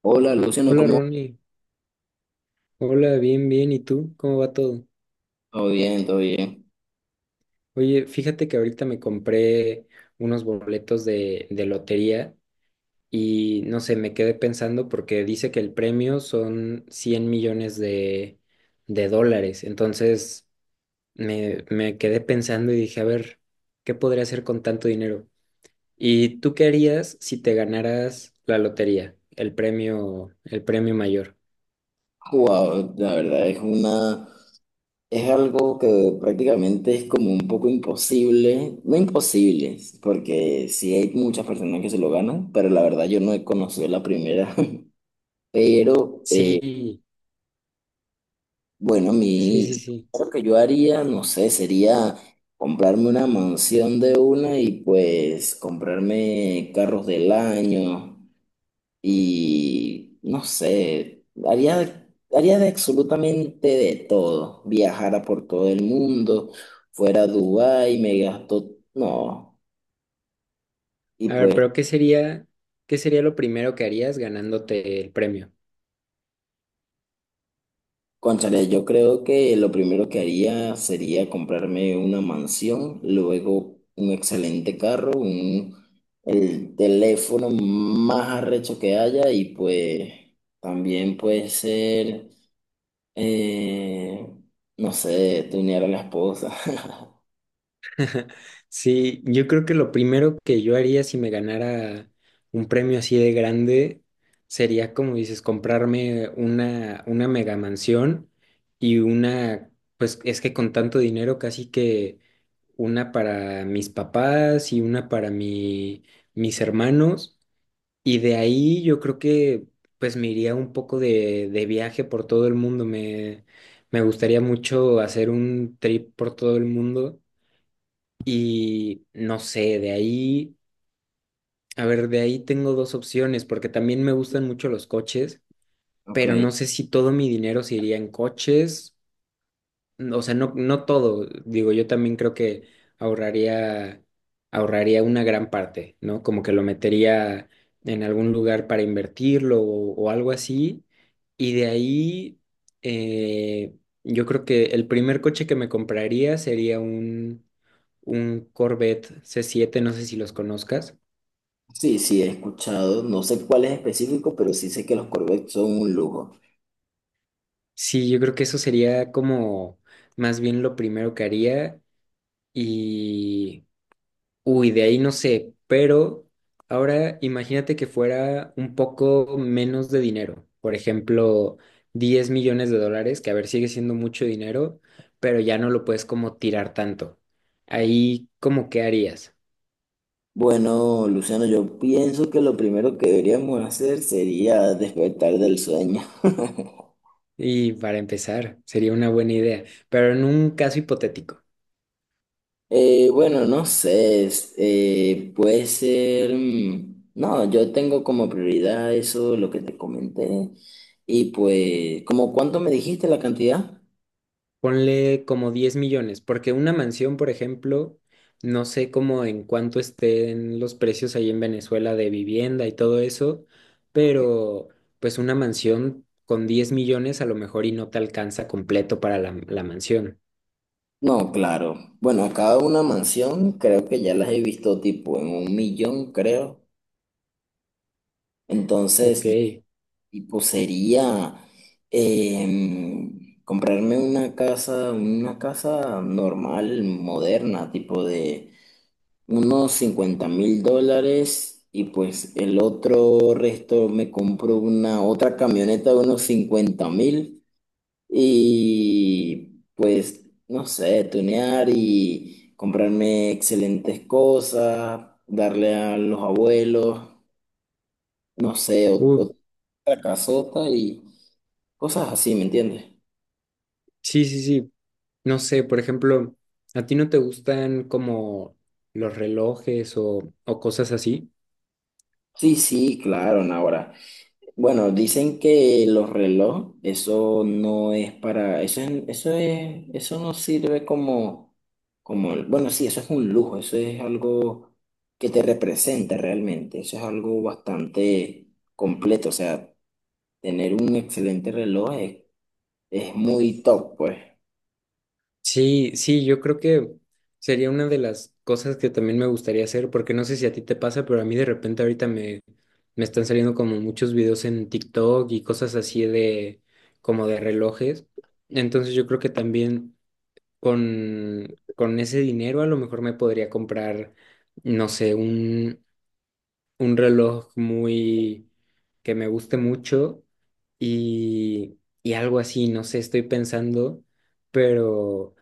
Hola Luciano, Hola ¿cómo vas? Ronnie, hola, bien, bien, ¿y tú? ¿Cómo va todo? Todo bien, todo bien. Oye, fíjate que ahorita me compré unos boletos de lotería y no sé, me quedé pensando porque dice que el premio son 100 millones de dólares, entonces me quedé pensando y dije, a ver, ¿qué podría hacer con tanto dinero? ¿Y tú qué harías si te ganaras la lotería, el premio mayor? Wow, la verdad es una, es algo que prácticamente es como un poco imposible, no imposible, porque sí hay muchas personas que se lo ganan, pero la verdad yo no he conocido la primera. Pero Sí, bueno, sí, sí, sí. lo que yo haría, no sé, sería comprarme una mansión de una y pues comprarme carros del año. Y no sé, haría de absolutamente de todo. Viajara por todo el mundo, fuera a Dubái, me gasto. No. Y A ver, pues, pero ¿qué sería lo primero que harías ganándote el premio? cónchale, yo creo que lo primero que haría sería comprarme una mansión, luego un excelente carro, el teléfono más arrecho que haya y pues también puede ser, eh, no sé, tunear a la esposa. Sí, yo creo que lo primero que yo haría si me ganara un premio así de grande sería, como dices, comprarme una mega mansión y una, pues es que con tanto dinero casi que una para mis papás y una para mi, mis hermanos. Y de ahí yo creo que pues me iría un poco de viaje por todo el mundo. Me gustaría mucho hacer un trip por todo el mundo. Y no sé, de ahí, a ver, de ahí tengo dos opciones, porque también me gustan mucho los coches, Ok, pero no sé si todo mi dinero se iría en coches, o sea, no, no todo, digo, yo también creo que ahorraría, ahorraría una gran parte, ¿no? Como que lo metería en algún lugar para invertirlo o algo así. Y de ahí, eh, yo creo que el primer coche que me compraría sería un Corvette C7, no sé si los conozcas. sí, sí, he escuchado, no sé cuál es específico, pero sí sé que los Corvettes son un lujo. Sí, yo creo que eso sería como más bien lo primero que haría. Y uy, de ahí no sé, pero ahora imagínate que fuera un poco menos de dinero, por ejemplo, 10 millones de dólares, que a ver, sigue siendo mucho dinero, pero ya no lo puedes como tirar tanto. Ahí, ¿cómo qué harías? Bueno, Luciano, yo pienso que lo primero que deberíamos hacer sería despertar del sueño. Y para empezar, sería una buena idea, pero en un caso hipotético. Bueno, no sé, puede ser, no, yo tengo como prioridad eso, lo que te comenté, y pues, ¿como cuánto me dijiste la cantidad? Ponle como 10 millones, porque una mansión, por ejemplo, no sé cómo en cuánto estén los precios ahí en Venezuela de vivienda y todo eso, Ok. pero pues una mansión con 10 millones a lo mejor y no te alcanza completo para la, la mansión. No, claro. Bueno, cada una mansión creo que ya las he visto tipo en un millón, creo. Ok. Entonces, tipo, sería comprarme una casa normal, moderna, tipo de unos 50.000 dólares y pues el otro resto me compro una otra camioneta de unos 50.000 y pues, no sé, tunear y comprarme excelentes cosas, darle a los abuelos, no sé, Uf, otra casota y... Cosas así, ¿me entiendes? sí, sí, sí. No sé, por ejemplo, ¿a ti no te gustan como los relojes o cosas así? Sí, sí, claro, no, ahora. Bueno, dicen que los relojes, eso no es para, eso es, eso no sirve como, bueno, sí, eso es un lujo, eso es algo que te representa realmente, eso es algo bastante completo, o sea, tener un excelente reloj es, muy top, pues. Sí, sí, yo creo que sería una de las cosas que también me gustaría hacer, porque no sé si a ti te pasa, pero a mí de repente ahorita me, me están saliendo como muchos videos en TikTok y cosas así de como de relojes. Entonces yo creo que también con ese dinero a lo mejor me podría comprar, no sé, un reloj muy que me guste mucho y algo así, no sé, estoy pensando, pero...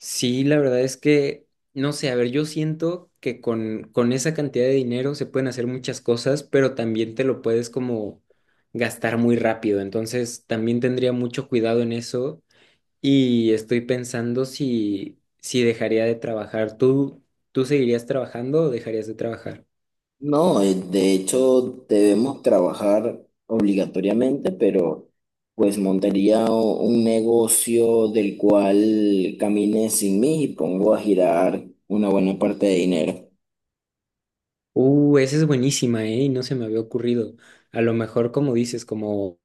Sí, la verdad es que, no sé, a ver, yo siento que con esa cantidad de dinero se pueden hacer muchas cosas, pero también te lo puedes como gastar muy rápido. Entonces, también tendría mucho cuidado en eso y estoy pensando si dejaría de trabajar. ¿Tú seguirías trabajando o dejarías de trabajar? No, de hecho debemos trabajar obligatoriamente, pero pues montaría un negocio del cual camine sin mí y pongo a girar una buena parte de dinero. Esa es buenísima, ¿eh? Y no se me había ocurrido. A lo mejor, como dices, como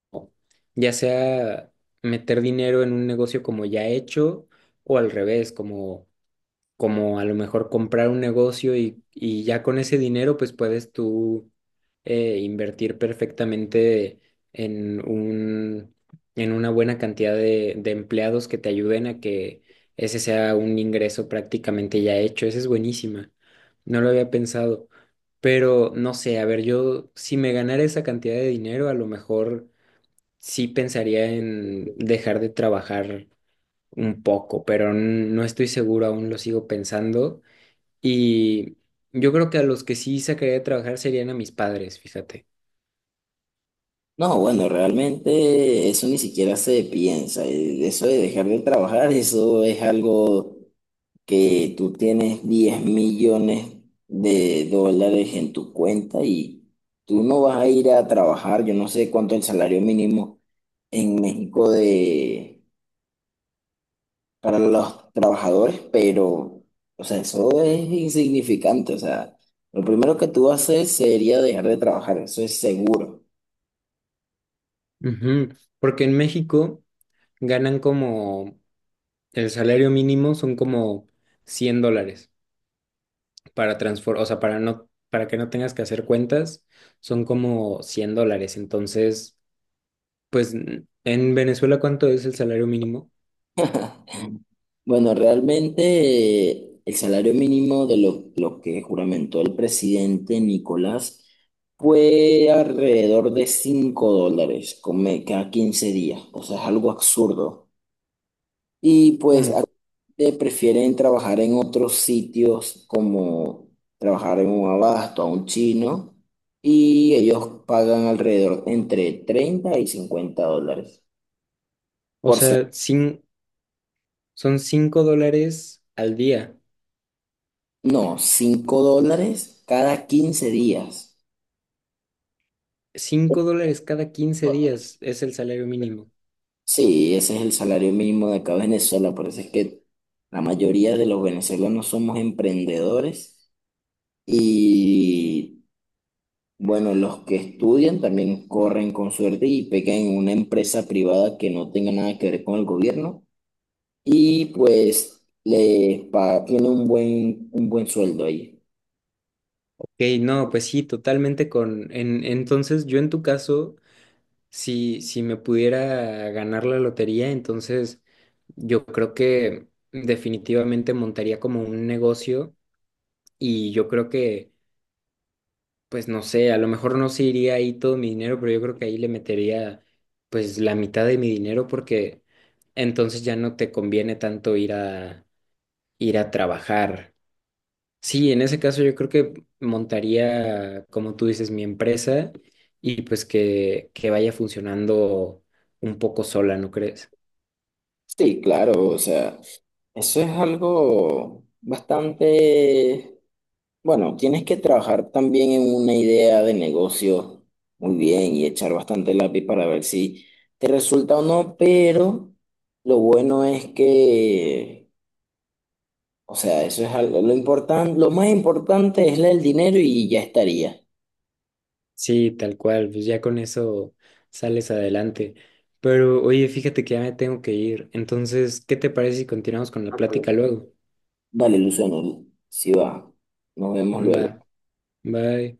ya sea meter dinero en un negocio como ya hecho o al revés, como a lo mejor comprar un negocio y ya con ese dinero pues puedes tú invertir perfectamente en un, en una buena cantidad de empleados que te ayuden a que ese sea un ingreso prácticamente ya hecho. Esa es buenísima. No lo había pensado. Pero no sé, a ver, yo si me ganara esa cantidad de dinero, a lo mejor sí pensaría en dejar de trabajar un poco, pero no estoy seguro, aún lo sigo pensando. Y yo creo que a los que sí sacaría de trabajar serían a mis padres, fíjate. No, bueno, realmente eso ni siquiera se piensa. Eso de dejar de trabajar, eso es algo que tú tienes 10 millones de dólares en tu cuenta y tú no vas a ir a trabajar, yo no sé cuánto es el salario mínimo en México para los trabajadores, pero, o sea, eso es insignificante. O sea, lo primero que tú haces sería dejar de trabajar, eso es seguro. Ujú. Porque en México ganan como el salario mínimo son como 100 dólares o sea, para no, para que no tengas que hacer cuentas, son como 100 dólares. Entonces, pues en Venezuela, ¿cuánto es el salario mínimo? Bueno, realmente el salario mínimo de lo que juramentó el presidente Nicolás fue alrededor de 5 dólares cada 15 días. O sea, es algo absurdo. Y pues ¿Cómo? actualmente prefieren trabajar en otros sitios como trabajar en un abasto, a un chino, y ellos pagan alrededor entre 30 y 50 dólares O por ser. sea, son 5 dólares al día. No, 5 dólares cada 15 días. 5 dólares cada 15 días es el salario mínimo. Sí, ese es el salario mínimo de acá de Venezuela, por eso es que la mayoría de los venezolanos somos emprendedores y bueno, los que estudian también corren con suerte y pegan en una empresa privada que no tenga nada que ver con el gobierno y pues tiene un buen sueldo ahí. Ok, no, pues sí, totalmente con... entonces, yo en tu caso, si me pudiera ganar la lotería, entonces yo creo que definitivamente montaría como un negocio y yo creo que, pues no sé, a lo mejor no se iría ahí todo mi dinero, pero yo creo que ahí le metería pues la mitad de mi dinero porque entonces ya no te conviene tanto ir a, ir a trabajar. Sí, en ese caso yo creo que montaría, como tú dices, mi empresa y pues que vaya funcionando un poco sola, ¿no crees? Sí, claro, o sea, eso es algo bastante, bueno, tienes que trabajar también en una idea de negocio muy bien y echar bastante lápiz para ver si te resulta o no, pero lo bueno es que o sea, eso es algo, lo importante, lo más importante es el dinero y ya estaría. Sí, tal cual, pues ya con eso sales adelante. Pero oye, fíjate que ya me tengo que ir. Entonces, ¿qué te parece si continuamos con la plática luego? Vale, Luciano, si va. Nos vemos Va, luego. bye.